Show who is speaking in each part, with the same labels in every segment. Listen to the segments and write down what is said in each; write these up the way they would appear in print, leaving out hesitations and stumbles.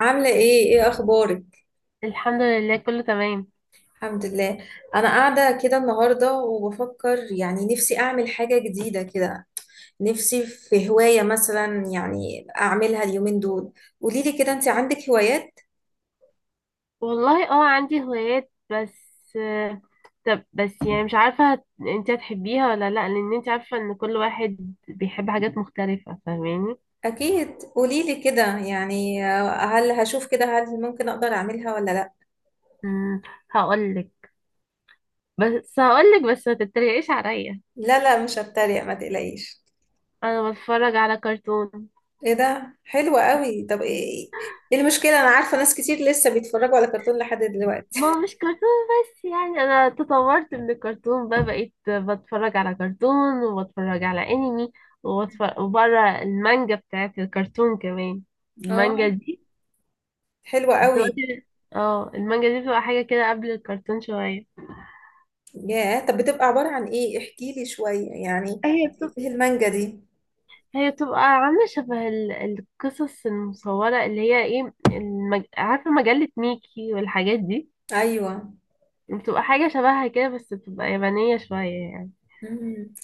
Speaker 1: عاملة ايه اخبارك.
Speaker 2: الحمد لله كله تمام.
Speaker 1: الحمد لله. انا قاعدة كده النهاردة وبفكر، يعني نفسي اعمل حاجة جديدة كده. نفسي في هواية مثلا، يعني اعملها اليومين دول. قوليلي كده، انت عندك هوايات؟
Speaker 2: والله اه عندي هوايات بس طب بس يعني مش عارفة انت هتحبيها ولا لا، لان انت عارفة ان كل واحد بيحب حاجات مختلفة، فاهماني؟
Speaker 1: اكيد قوليلي كده، يعني هل هشوف كده هل ممكن اقدر اعملها ولا لا؟
Speaker 2: امم هقولك. بس هقولك، بس ما تتريقيش عليا.
Speaker 1: لا لا، مش هتريق، ما تقلقيش.
Speaker 2: انا بتفرج على كرتون.
Speaker 1: ايه ده، حلوة قوي. طب ايه، ايه المشكلة؟ انا عارفة ناس كتير لسه بيتفرجوا على كرتون لحد دلوقتي.
Speaker 2: ما هو مش كرتون، بس يعني انا تطورت من الكرتون بقى، بقيت بتفرج على كرتون وبتفرج على انمي، وبتفرج وبره المانجا بتاعت الكرتون كمان.
Speaker 1: اه،
Speaker 2: المانجا دي
Speaker 1: حلوة قوي.
Speaker 2: دلوقتي، اه، المانجا دي بتبقى حاجة كده قبل الكرتون شوية.
Speaker 1: ياه، طب بتبقى عبارة عن ايه؟ احكي لي شوية، يعني
Speaker 2: هي بتبقى
Speaker 1: ايه المانجا دي؟
Speaker 2: هي بتبقى عاملة شبه القصص المصورة، اللي هي عارفة مجلة ميكي والحاجات دي.
Speaker 1: ايوه.
Speaker 2: بتبقى حاجة شبهها كده، بس بتبقى يابانية شوية يعني.
Speaker 1: مم.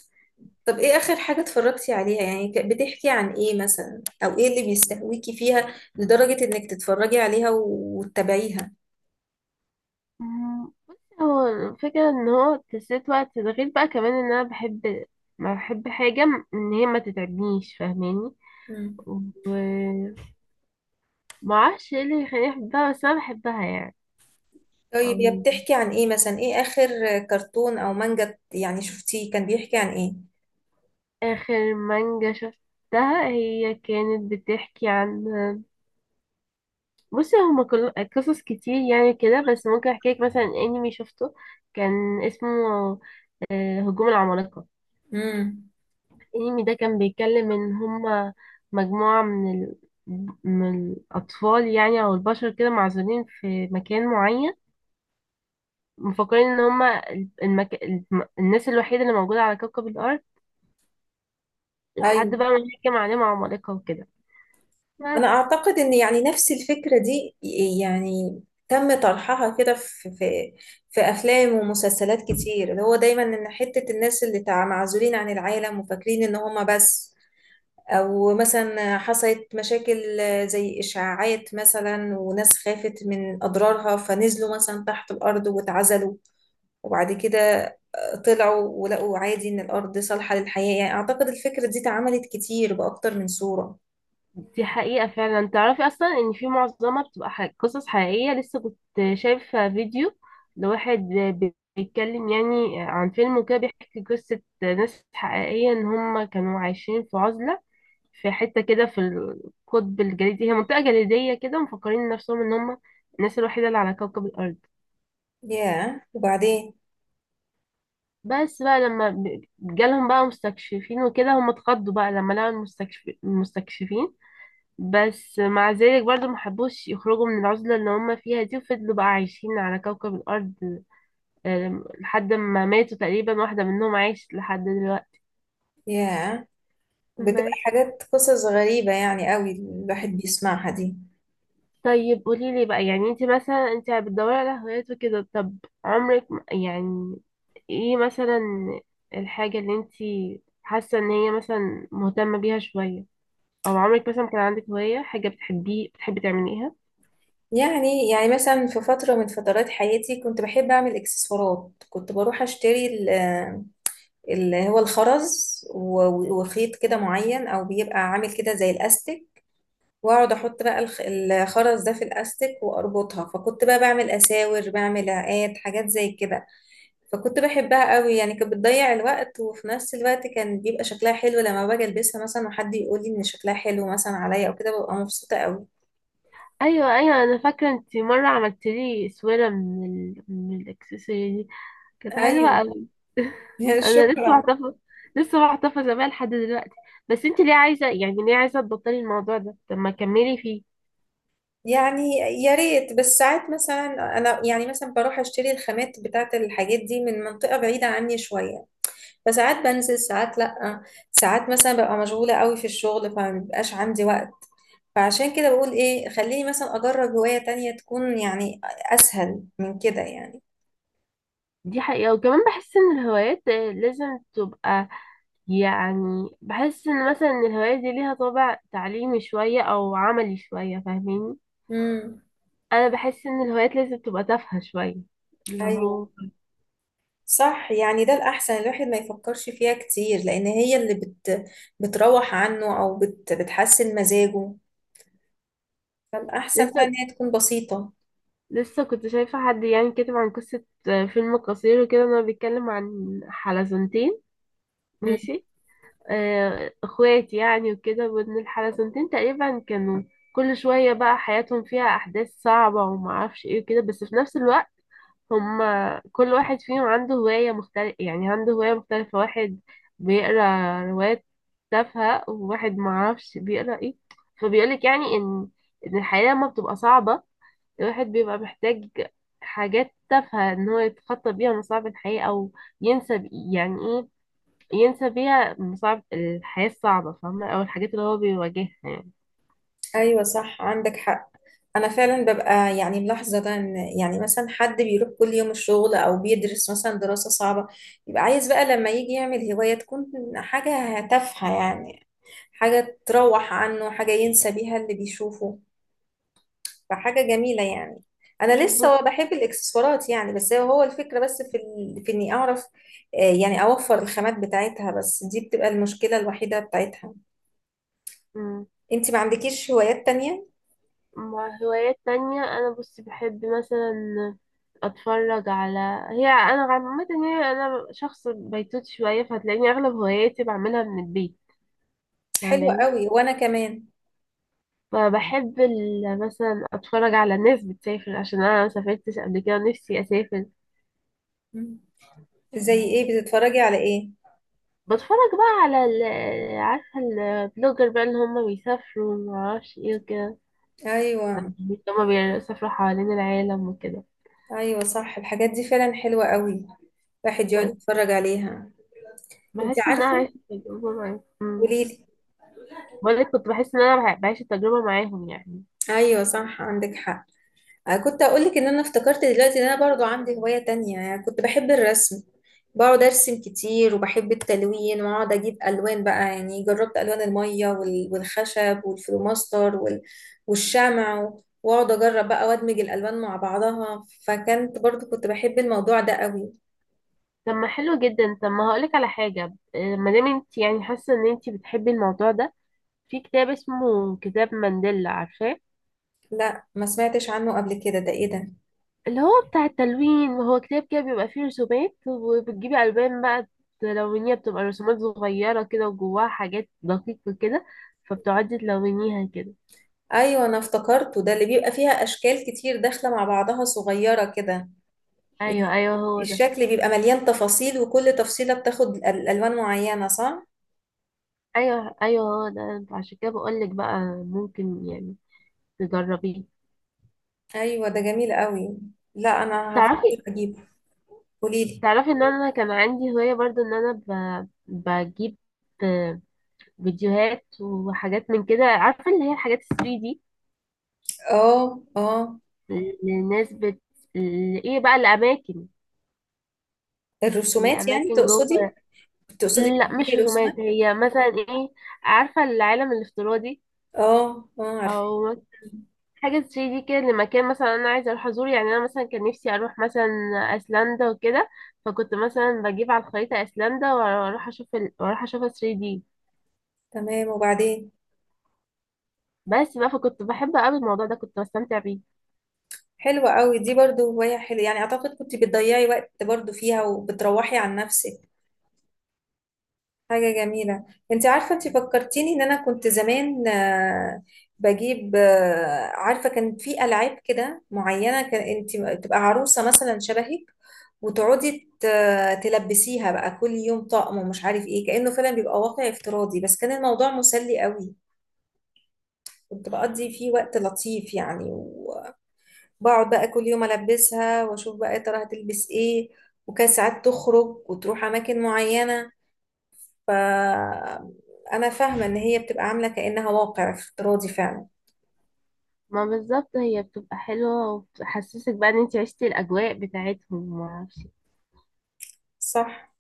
Speaker 1: طب ايه اخر حاجة اتفرجتي عليها، يعني بتحكي عن ايه مثلا؟ او ايه اللي بيستهويكي فيها لدرجة انك تتفرجي عليها وتتابعيها؟
Speaker 2: بصي، هو الفكرة ان هو تسليت وقت ده، غير بقى كمان ان انا بحب. ما بحب حاجة ان هي ما تتعبنيش، فاهماني؟
Speaker 1: مم.
Speaker 2: ومعرفش ايه اللي يخليني احبها، بس انا بحبها
Speaker 1: طيب، يا
Speaker 2: يعني.
Speaker 1: بتحكي عن ايه مثلا؟ ايه اخر كرتون او مانجا يعني شفتيه؟ كان بيحكي عن ايه؟
Speaker 2: آخر مانجا شفتها هي كانت بتحكي عن، بصي هما كل قصص كتير يعني كده، بس ممكن احكي لك مثلا انمي شفته كان اسمه هجوم العمالقة.
Speaker 1: امم
Speaker 2: الانمي ده كان بيتكلم ان هما مجموعة من الأطفال يعني، أو البشر كده معزولين في مكان معين، مفكرين إن هما الناس الوحيدة اللي موجودة على كوكب الأرض، لحد بقى ما يحكم عليهم عمالقة وكده،
Speaker 1: أنا
Speaker 2: بس.
Speaker 1: أعتقد إن يعني نفس الفكرة دي يعني تم طرحها كده في في أفلام ومسلسلات كتير، اللي هو دايما إن حتة الناس اللي معزولين عن العالم وفاكرين إن هما بس، أو مثلا حصلت مشاكل زي إشاعات مثلا وناس خافت من أضرارها فنزلوا مثلا تحت الأرض واتعزلوا، وبعد كده طلعوا ولقوا عادي إن الأرض صالحة للحياة. يعني أعتقد الفكرة دي اتعملت كتير بأكتر من صورة.
Speaker 2: دي حقيقة فعلا. تعرفي أصلا إن في معظمها بتبقى قصص حقيقية. لسه كنت شايفة فيديو لواحد بيتكلم يعني عن فيلم وكده، بيحكي قصة ناس حقيقية إن هم كانوا عايشين في عزلة، في حتة كده في القطب الجليدي، هي منطقة جليدية كده، ومفكرين نفسهم إن هم الناس الوحيدة اللي على كوكب الأرض.
Speaker 1: ياه، وبعدين؟
Speaker 2: بس بقى لما جالهم بقى مستكشفين وكده، هم اتخضوا بقى لما لقوا المستكشفين. بس مع ذلك برضو محبوش يخرجوا من العزلة اللي هم فيها دي، وفضلوا بقى عايشين على كوكب الأرض، لحد ما ماتوا تقريبا. واحدة منهم عايشت لحد دلوقتي
Speaker 1: ياه، بتبقى
Speaker 2: بس.
Speaker 1: حاجات، قصص غريبة يعني قوي الواحد بيسمعها دي.
Speaker 2: طيب قولي لي بقى، يعني انت مثلا انت بتدوري على هوايات وكده، طب عمرك يعني ايه مثلا الحاجة اللي انت حاسة ان هي مثلا مهتمة بيها شوية، او عمرك مثلا كان عندك هواية حاجة بتحبيه بتحبي تعمليها؟
Speaker 1: يعني مثلا في فترة من فترات حياتي كنت بحب أعمل إكسسوارات. كنت بروح أشتري اللي هو الخرز وخيط كده معين، أو بيبقى عامل كده زي الأستك، وأقعد أحط بقى الخرز ده في الأستك وأربطها، فكنت بقى بعمل أساور، بعمل عقاد، حاجات زي كده. فكنت بحبها قوي، يعني كانت بتضيع الوقت، وفي نفس الوقت كان بيبقى شكلها حلو لما باجي البسها مثلا وحد يقول لي ان شكلها حلو مثلا عليا او كده، ببقى مبسوطة قوي.
Speaker 2: ايوه ايوه انا فاكره انت مره عملت لي سويره من الاكسسواري دي، كانت حلوه
Speaker 1: ايوه.
Speaker 2: قوي. انا لسه
Speaker 1: شكرا.
Speaker 2: محتفظه. لسه محتفظه بيها لحد دلوقتي. بس انت ليه عايزه، يعني ليه عايزه تبطلي الموضوع ده؟ طب ما كملي فيه.
Speaker 1: يعني يا ريت، بس ساعات مثلا انا يعني مثلا بروح اشتري الخامات بتاعت الحاجات دي من منطقة بعيدة عني شوية، فساعات بنزل، ساعات لا، ساعات مثلا ببقى مشغولة قوي في الشغل فمبيبقاش عندي وقت. فعشان كده بقول ايه، خليني مثلا اجرب هواية تانية تكون يعني اسهل من كده.
Speaker 2: دي حقيقه، وكمان بحس ان الهوايات لازم تبقى، يعني بحس ان مثلا إن الهوايات دي ليها طابع تعليمي شويه او عملي شويه، فاهميني؟
Speaker 1: يعني
Speaker 2: انا بحس ان الهوايات لازم تبقى تافهه شويه، اللي
Speaker 1: ايوه،
Speaker 2: هو.
Speaker 1: صح، يعني ده الاحسن. الواحد ما يفكرش فيها كتير، لان هي اللي بتروح عنه، او بتحسن مزاجه. الاحسن
Speaker 2: لسه
Speaker 1: فعلا ان هي تكون بسيطه.
Speaker 2: لسه كنت شايفة حد يعني كاتب عن قصة فيلم قصير وكده، إن هو بيتكلم عن حلزونتين،
Speaker 1: مم.
Speaker 2: ماشي؟ اخوات يعني وكده، وإن الحلزونتين تقريبا كانوا كل شوية بقى حياتهم فيها أحداث صعبة ومعرفش ايه وكده، بس في نفس الوقت هما كل واحد فيهم عنده هواية مختلفة، يعني عنده هواية مختلفة. واحد بيقرا روايات تافهة، وواحد معرفش بيقرا ايه. فبيقولك يعني إن الحياة لما بتبقى صعبة، الواحد بيبقى محتاج حاجات تافهة ان هو يتخطى بيها مصاعب الحياة، او ينسى يعني ايه، ينسى بيها مصاعب الحياة الصعبة، فاهمة؟ او الحاجات اللي هو بيواجهها يعني.
Speaker 1: ايوه، صح، عندك حق. انا فعلا ببقى يعني ملاحظه ده، ان يعني مثلا حد بيروح كل يوم الشغل او بيدرس مثلا دراسه صعبه، يبقى عايز بقى لما يجي يعمل هوايه تكون حاجه تافهه يعني، حاجه تروح عنه، حاجه ينسى بيها اللي بيشوفه. فحاجة جميلة يعني. أنا
Speaker 2: مم.
Speaker 1: لسه
Speaker 2: بص.
Speaker 1: بحب الإكسسوارات يعني، بس هو الفكرة بس في إني أعرف يعني أوفر الخامات بتاعتها، بس دي بتبقى المشكلة الوحيدة بتاعتها.
Speaker 2: مم.
Speaker 1: أنت ما عندكيش هوايات تانية؟
Speaker 2: مع هوايات تانية، انا بص بحب مثلا اتفرج على، هي انا عامة يعني انا شخص بيتوت شوية، فهتلاقيني اغلب هواياتي بعملها من البيت،
Speaker 1: حلوة
Speaker 2: فاهماني؟
Speaker 1: قوي، وأنا كمان.
Speaker 2: فبحب مثلا اتفرج على الناس بتسافر، عشان انا مسافرتش قبل كده، نفسي اسافر.
Speaker 1: مم. زي إيه؟ بتتفرجي على إيه؟
Speaker 2: بتفرج بقى على ال، عارفة البلوجر بقى اللي هما بيسافروا ومعرفش ايه وكده
Speaker 1: أيوة.
Speaker 2: يعني، هما بيسافروا حوالين العالم وكده
Speaker 1: أيوة صح، الحاجات دي فعلا حلوة قوي، الواحد يقعد
Speaker 2: بس.
Speaker 1: يتفرج عليها. أنت
Speaker 2: بحس ان انا
Speaker 1: عارفة،
Speaker 2: عايشة التجربة معاهم. أمم.
Speaker 1: قوليلي.
Speaker 2: بقولك كنت بحس ان انا بعيش التجربة معاهم يعني.
Speaker 1: أيوة صح، عندك حق. أنا كنت أقول لك إن أنا افتكرت دلوقتي إن أنا برضو عندي هواية تانية، يعني كنت بحب الرسم. بقعد أرسم كتير وبحب التلوين، وأقعد أجيب ألوان بقى، يعني جربت ألوان المية والخشب والفلوماستر والشمع، وأقعد أجرب بقى وأدمج الألوان مع بعضها. فكنت برضو كنت بحب الموضوع ده قوي.
Speaker 2: طب ما حلو جدا، طب ما هقولك على حاجة، ما دام انت يعني حاسة ان انت بتحبي الموضوع ده، في كتاب اسمه كتاب مانديلا، عارفاه؟
Speaker 1: لا، ما سمعتش عنه قبل كده. ده إيه ده؟
Speaker 2: اللي هو بتاع التلوين، هو كتاب كده بيبقى فيه رسومات وبتجيبي ألوان بقى تلونيها، بتبقى رسومات صغيرة كده وجواها حاجات دقيقة كده، فبتقعدي تلونيها كده.
Speaker 1: أيوة، أنا افتكرته، ده اللي بيبقى فيها أشكال كتير داخلة مع بعضها صغيرة كده.
Speaker 2: أيوه أيوه هو ده.
Speaker 1: الشكل بيبقى مليان تفاصيل، وكل تفصيلة بتاخد ألوان معينة، صح؟
Speaker 2: أيوه أيوه هو ده، عشان كده بقولك بقى، ممكن يعني تجربيه.
Speaker 1: أيوة ده جميل قوي. لا أنا هفكر
Speaker 2: تعرفي
Speaker 1: أجيبه. قوليلي.
Speaker 2: تعرفي إن أنا كان عندي هواية برضو، إن أنا بجيب فيديوهات وحاجات من كده، عارفة اللي هي الحاجات الثري دي.
Speaker 1: اه اه.
Speaker 2: الناس بت...، ايه بقى، الأماكن،
Speaker 1: الرسومات يعني
Speaker 2: الأماكن
Speaker 1: تقصدي؟
Speaker 2: جوه.
Speaker 1: تقصدي
Speaker 2: لا
Speaker 1: بتجيبي
Speaker 2: مش
Speaker 1: رسومات؟
Speaker 2: رسومات، هي مثلا ايه، عارفة العالم الافتراضي؟
Speaker 1: اه اه، عارفة.
Speaker 2: أو مثلا حاجة 3D كده لمكان مثلا أنا عايزة أروح أزوره، يعني أنا مثلا كان نفسي أروح مثلا أيسلندا وكده، فكنت مثلا بجيب على الخريطة أيسلندا وأروح أشوف ال... وأروح أشوفها 3D
Speaker 1: تمام، وبعدين؟
Speaker 2: بس بقى، فكنت بحب أوي الموضوع ده، كنت بستمتع بيه.
Speaker 1: حلوة قوي، دي برضو هواية حلوة يعني. أعتقد كنت بتضيعي وقت برضو فيها وبتروحي عن نفسك، حاجة جميلة. انت عارفة، انت فكرتيني ان انا كنت زمان بجيب عارفة كان في ألعاب كده معينة، كان انت تبقى عروسة مثلا شبهك، وتقعدي تلبسيها بقى كل يوم طقم ومش عارف ايه، كأنه فعلا بيبقى واقع افتراضي، بس كان الموضوع مسلي قوي. كنت بقضي فيه وقت لطيف يعني، وبقعد بقى كل يوم ألبسها واشوف بقى يا ترى هتلبس ايه، وكان ساعات تخرج وتروح أماكن معينة. فأنا فاهمة إن هي بتبقى عاملة كأنها واقع افتراضي فعلا.
Speaker 2: ما بالظبط، هي بتبقى حلوة وبتحسسك بقى إن أنت عشتي الأجواء بتاعتهم ومعرفش.
Speaker 1: صح.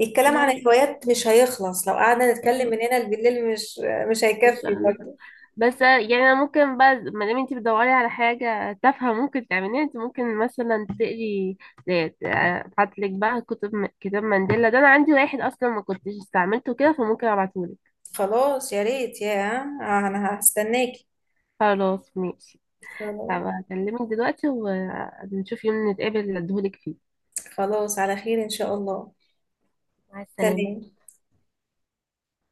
Speaker 1: الكلام عن
Speaker 2: ما
Speaker 1: الهوايات مش هيخلص لو قعدنا نتكلم من هنا لبالليل، مش
Speaker 2: مش
Speaker 1: هيكفي
Speaker 2: أنا،
Speaker 1: برضه.
Speaker 2: بس يعني انا ممكن بقى، ما دام انت بتدوري على حاجه تافهه ممكن تعمليها، انت ممكن مثلا تقري. ابعت لك بقى كتب كتاب مانديلا ده، انا عندي واحد اصلا ما كنتش استعملته كده، فممكن ابعتهولك.
Speaker 1: خلاص يا ريت يا، أنا هستناكي.
Speaker 2: خلاص ماشي.
Speaker 1: خلاص.
Speaker 2: هبقى اكلمك دلوقتي، ونشوف يوم نتقابل اديهولك فيه.
Speaker 1: خلاص، على خير إن شاء الله.
Speaker 2: مع السلامه.
Speaker 1: سلام.